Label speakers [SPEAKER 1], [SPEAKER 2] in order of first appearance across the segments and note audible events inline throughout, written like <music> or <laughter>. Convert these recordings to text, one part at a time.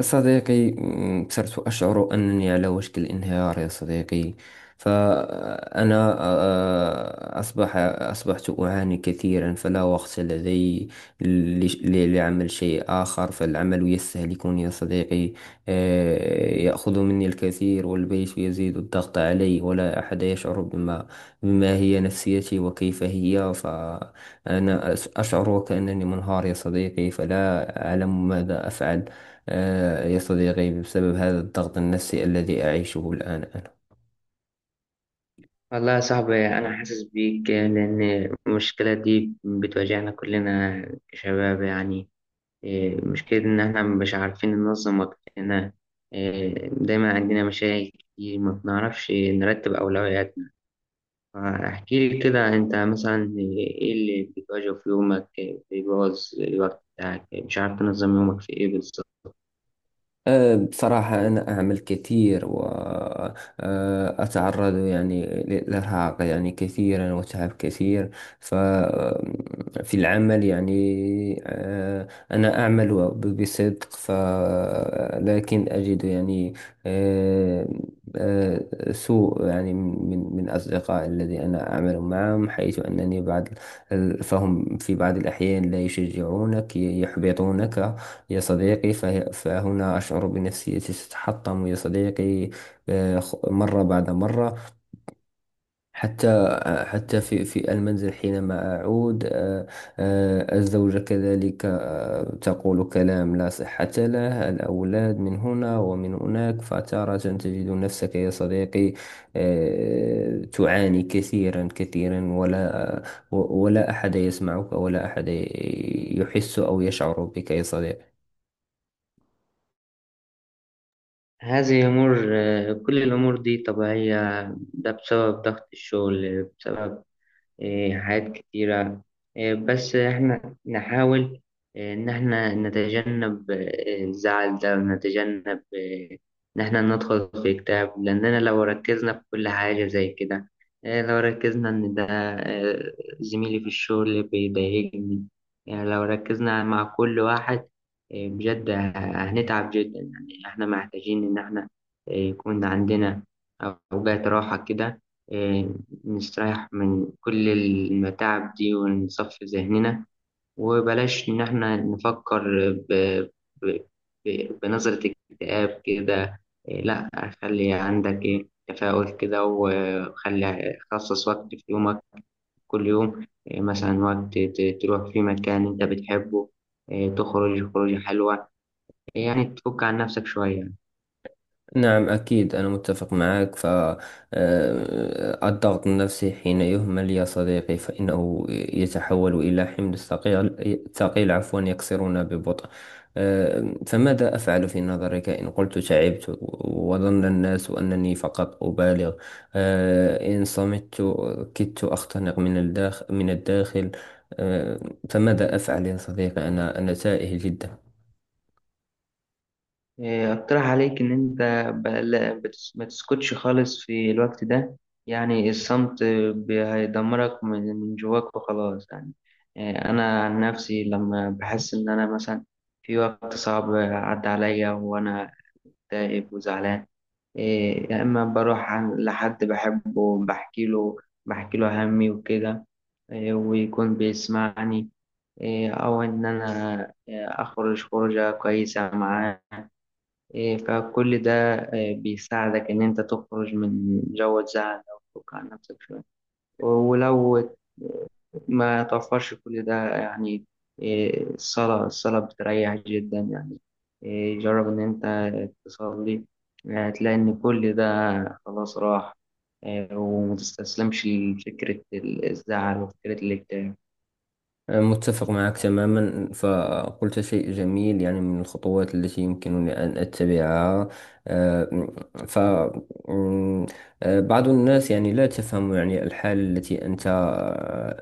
[SPEAKER 1] صديقي، صرت أشعر أنني على وشك الانهيار يا صديقي. فأنا أصبحت أعاني كثيرا، فلا وقت لدي لعمل شيء آخر، فالعمل يستهلكني يا صديقي. يأخذ مني الكثير، والبيت يزيد الضغط علي، ولا أحد يشعر بما هي نفسيتي وكيف هي. فأنا أشعر وكأنني منهار يا صديقي، فلا أعلم ماذا أفعل. يا صديقي، بسبب هذا الضغط النفسي الذي أعيشه الآن أنا...
[SPEAKER 2] والله يا صاحبي، أنا حاسس بيك، لأن المشكلة دي بتواجهنا كلنا كشباب. يعني مشكلة إن إحنا مش عارفين ننظم وقتنا. دايما عندنا مشاكل كتير، ما بنعرفش نرتب أولوياتنا. فاحكي لي كده، أنت مثلا إيه اللي بتواجهه في يومك؟ بيبوظ الوقت بتاعك؟ مش عارف تنظم يومك في إيه بالظبط؟
[SPEAKER 1] بصراحة، أنا أعمل كثير وأتعرض يعني للإرهاق يعني كثيرا وتعب كثير. ففي العمل يعني أنا أعمل بصدق، لكن أجد يعني أه، أه، سوء يعني من أصدقاء الذي أنا أعمل معهم، حيث أنني بعض فهم في بعض الأحيان لا يشجعونك، يحبطونك يا صديقي. فهنا أشعر بنفسيتي تتحطم يا صديقي، مرة بعد مرة. حتى في المنزل حينما أعود، الزوجة كذلك تقول كلام لا صحة له، الأولاد من هنا ومن هناك، فتارة تجد نفسك يا صديقي تعاني كثيرا كثيرا، ولا أحد يسمعك، ولا أحد يحس أو يشعر بك يا صديقي.
[SPEAKER 2] هذه أمور آه، كل الأمور دي طبيعية. ده بسبب ضغط الشغل، بسبب حاجات كتيرة. بس إحنا نحاول إن إحنا نتجنب الزعل ده، ونتجنب إن إحنا ندخل في اكتئاب. لأننا لو ركزنا في كل حاجة زي كده، لو ركزنا إن ده إيه، زميلي في الشغل بيضايقني، يعني لو ركزنا مع كل واحد بجد هنتعب جدا. يعني إحنا محتاجين إن إحنا يكون عندنا أوقات راحة كده، إيه، نستريح من كل المتاعب دي ونصفي ذهننا. وبلاش إن إحنا نفكر ب... ب... بنظرة اكتئاب كده. إيه، لأ. خلي عندك تفاؤل كده. وخلي خصص وقت في يومك، كل يوم مثلا وقت تروح في مكان أنت بتحبه، تخرج خروجة حلوة، يعني تفك عن نفسك شوية.
[SPEAKER 1] نعم، أكيد، أنا متفق معك. ف آه، الضغط النفسي حين يهمل يا صديقي فإنه يتحول إلى حمل ثقيل ثقيل، عفوا، يكسرنا ببطء. فماذا أفعل في نظرك إن قلت تعبت وظن الناس أنني فقط أبالغ؟ إن صمت كدت أختنق من الداخل من الداخل. آه، فماذا أفعل يا صديقي؟ أنا تائه جدا.
[SPEAKER 2] اقترح عليك ان انت ما تسكتش خالص في الوقت ده. يعني الصمت هيدمرك من جواك وخلاص. يعني انا عن نفسي لما بحس ان انا مثلا في وقت صعب عدى عليا وانا تائب وزعلان، يا اما بروح لحد بحبه بحكي له بحكي له همي وكده، ويكون بيسمعني، او ان انا اخرج خروجه كويسه معاه. فكل ده بيساعدك إن أنت تخرج من جو الزعل أو تفك عن نفسك شوية. ولو ما توفرش كل ده، يعني الصلاة الصلاة بتريح جدا. يعني جرب إن أنت تصلي. هتلاقي إن كل ده خلاص راح. ومتستسلمش لفكرة الزعل وفكرة الاكتئاب.
[SPEAKER 1] متفق معك تماما، فقلت شيء جميل يعني من الخطوات التي يمكنني أن أتبعها. آه، ف م، آه، بعض الناس يعني لا تفهم يعني الحالة التي أنت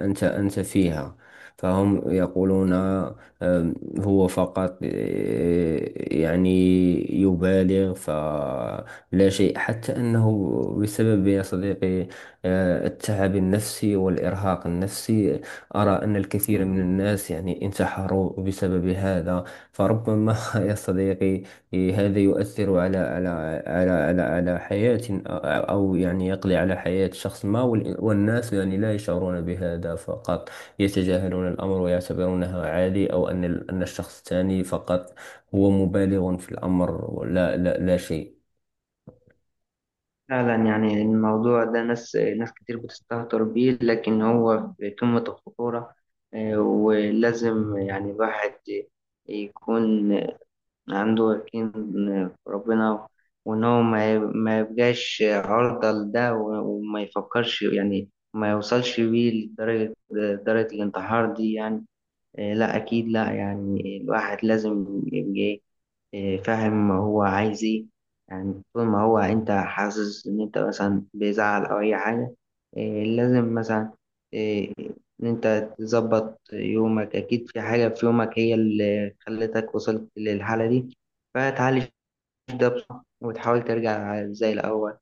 [SPEAKER 1] أنت أنت فيها. فهم يقولون هو فقط يعني يبالغ، فلا شيء حتى أنه بسبب يا صديقي التعب النفسي والإرهاق النفسي. أرى أن الكثير من الناس يعني انتحروا بسبب هذا. فربما <laughs> يا صديقي هذا يؤثر على حياة، أو يعني يقضي على حياة شخص ما، والناس يعني لا يشعرون بهذا، فقط يتجاهلون الأمر ويعتبرونها عادي، أو أن أن الشخص الثاني فقط هو مبالغ في الأمر، ولا لا لا شيء.
[SPEAKER 2] فعلا يعني الموضوع ده ناس كتير بتستهتر بيه، لكن هو في قمة الخطورة. ولازم يعني الواحد يكون عنده يقين في ربنا. وإن هو ما يبقاش عرضة لده، وما يفكرش، يعني ما يوصلش بيه لدرجة درجة الانتحار دي. يعني لا، أكيد لا. يعني الواحد لازم يبقى فاهم هو عايز ايه. يعني طول ما هو انت حاسس ان انت مثلا بيزعل او اي حاجة، لازم مثلا إيه، ان انت تظبط يومك. اكيد في حاجة في يومك هي اللي خلتك وصلت للحالة دي. فتعالج، تبدأ بصح وتحاول ترجع زي الأول.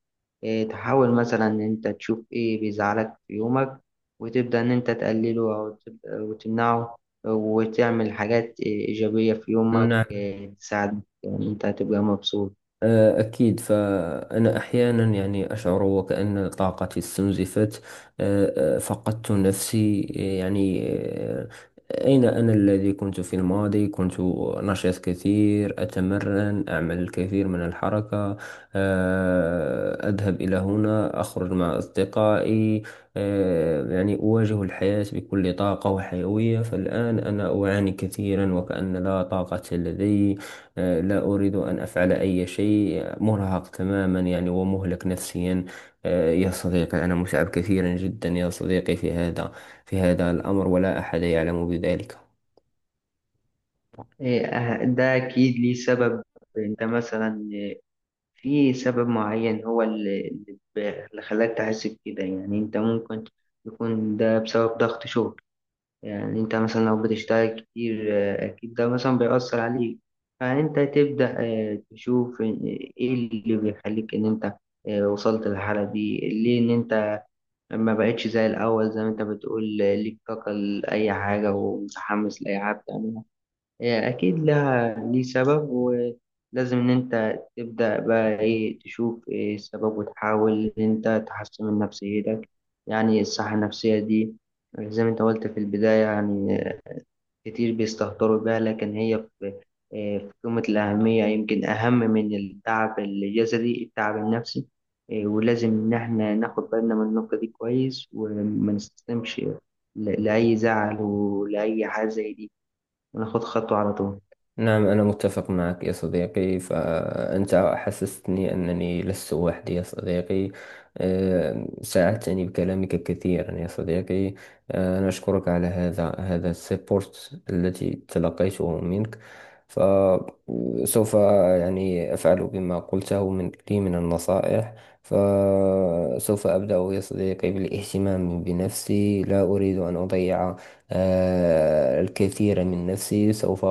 [SPEAKER 2] تحاول مثلا إن أنت تشوف إيه بيزعلك في يومك، وتبدأ إن أنت تقلله أو تبدأ وتمنعه، وتعمل حاجات إيجابية في يومك،
[SPEAKER 1] نعم،
[SPEAKER 2] تساعدك إن أنت تبقى مبسوط.
[SPEAKER 1] أكيد. فأنا أحيانا يعني أشعر وكأن طاقتي استنزفت. فقدت نفسي يعني. أين أنا الذي كنت في الماضي؟ كنت نشيط كثير، أتمرن، أعمل الكثير من الحركة، أذهب إلى هنا، أخرج مع أصدقائي، يعني أواجه الحياة بكل طاقة وحيوية. فالآن أنا أعاني كثيرا وكأن لا طاقة لدي. لا أريد أن أفعل أي شيء، مرهق تماما يعني ومهلك نفسيا. يا صديقي، أنا متعب كثيرا جدا يا صديقي في هذا الأمر، ولا أحد يعلم بذلك.
[SPEAKER 2] ده أكيد ليه سبب. أنت مثلا في سبب معين هو اللي اللي خلاك تحس بكده. يعني أنت ممكن يكون ده بسبب ضغط شغل. يعني انت مثلا لو بتشتغل كتير، اكيد ده مثلا بيأثر عليك. فانت تبدأ تشوف ايه اللي بيخليك ان انت وصلت للحالة دي ليه. ان انت ما بقتش زي الاول، زي ما انت بتقول ليك طاقة لأي حاجة ومتحمس لأي حاجة بتعملها. اكيد لها ليه سبب، ولازم ان انت تبدأ بقى تشوف ايه السبب، وتحاول ان انت تحسن من نفسيتك. يعني الصحة النفسية دي، زي ما انت قلت في البداية، يعني كتير بيستهتروا بيها، لكن هي في قمة الأهمية. يمكن أهم من التعب الجسدي التعب النفسي. ولازم إن إحنا ناخد بالنا من النقطة دي كويس، وما نستسلمش لأي زعل ولأي حاجة زي دي، وناخد خطوة على طول.
[SPEAKER 1] نعم، أنا متفق معك يا صديقي، فأنت حسستني أنني لست وحدي يا صديقي. ساعدتني بكلامك كثيرا يا صديقي. أنا أشكرك على هذا السبورت التي تلقيته منك. فسوف يعني أفعل بما قلته من لي من النصائح. فسوف أبدأ يا صديقي بالاهتمام بنفسي، لا أريد أن أضيع الكثير من نفسي. سوف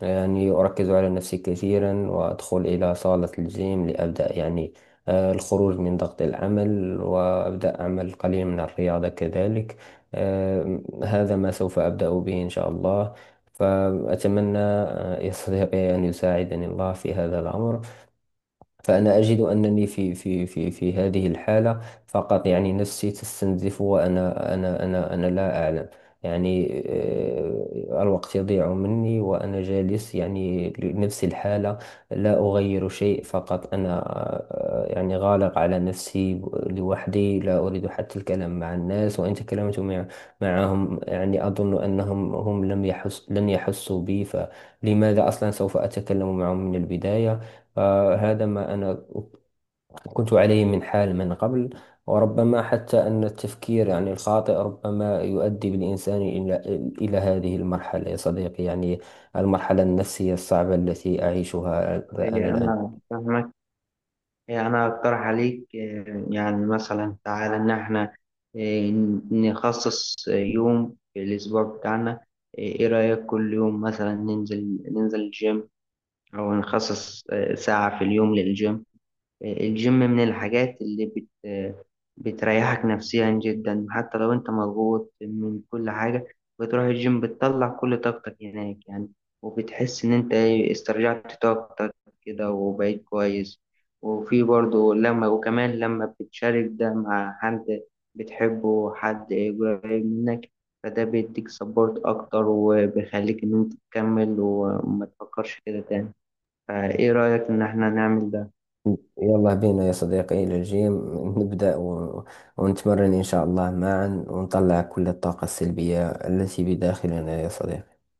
[SPEAKER 1] يعني أركز على نفسي كثيرا، وأدخل إلى صالة الجيم لأبدأ يعني الخروج من ضغط العمل، وأبدأ أعمل قليلا من الرياضة كذلك. هذا ما سوف أبدأ به إن شاء الله. فأتمنى يستطيع أن يساعدني الله في هذا الأمر. فأنا أجد أنني في هذه الحالة، فقط يعني نفسي تستنزف، وأنا أنا أنا أنا لا أعلم يعني. الوقت يضيع مني وأنا جالس يعني لنفس الحالة، لا أغير شيء. فقط أنا يعني غالق على نفسي لوحدي، لا أريد حتى الكلام مع الناس. وإن تكلمت معهم يعني أظن أنهم هم لم يحس لن يحسوا بي، فلماذا أصلا سوف أتكلم معهم من البداية. فهذا ما أنا كنت عليه من حال من قبل. وربما حتى أن التفكير يعني الخاطئ ربما يؤدي بالإنسان إلى هذه المرحلة يا صديقي يعني، المرحلة النفسية الصعبة التي أعيشها أنا الآن.
[SPEAKER 2] أنا فاهمك. أنا أقترح عليك يعني مثلا تعالى إن إحنا آه، نخصص يوم في الأسبوع بتاعنا. إيه رأيك كل يوم مثلا ننزل، الجيم؟ أو نخصص ساعة في اليوم للجيم. الجيم من الحاجات اللي بت آه، بتريحك نفسيا جدا، حتى لو أنت مضغوط من كل حاجة. بتروح الجيم، بتطلع كل طاقتك هناك يعني. وبتحس إن أنت استرجعت طاقتك كده وبقيت كويس. وفي برضه وكمان لما بتشارك ده مع حد بتحبه، حد قريب منك. فده بيديك سبورت أكتر، وبيخليك إن أنت تكمل وما تفكرش كده تاني. فايه رأيك ان احنا نعمل ده؟
[SPEAKER 1] يلا بينا يا صديقي إلى الجيم، نبدأ ونتمرن إن شاء الله معا، ونطلع كل الطاقة السلبية التي بداخلنا يا صديقي.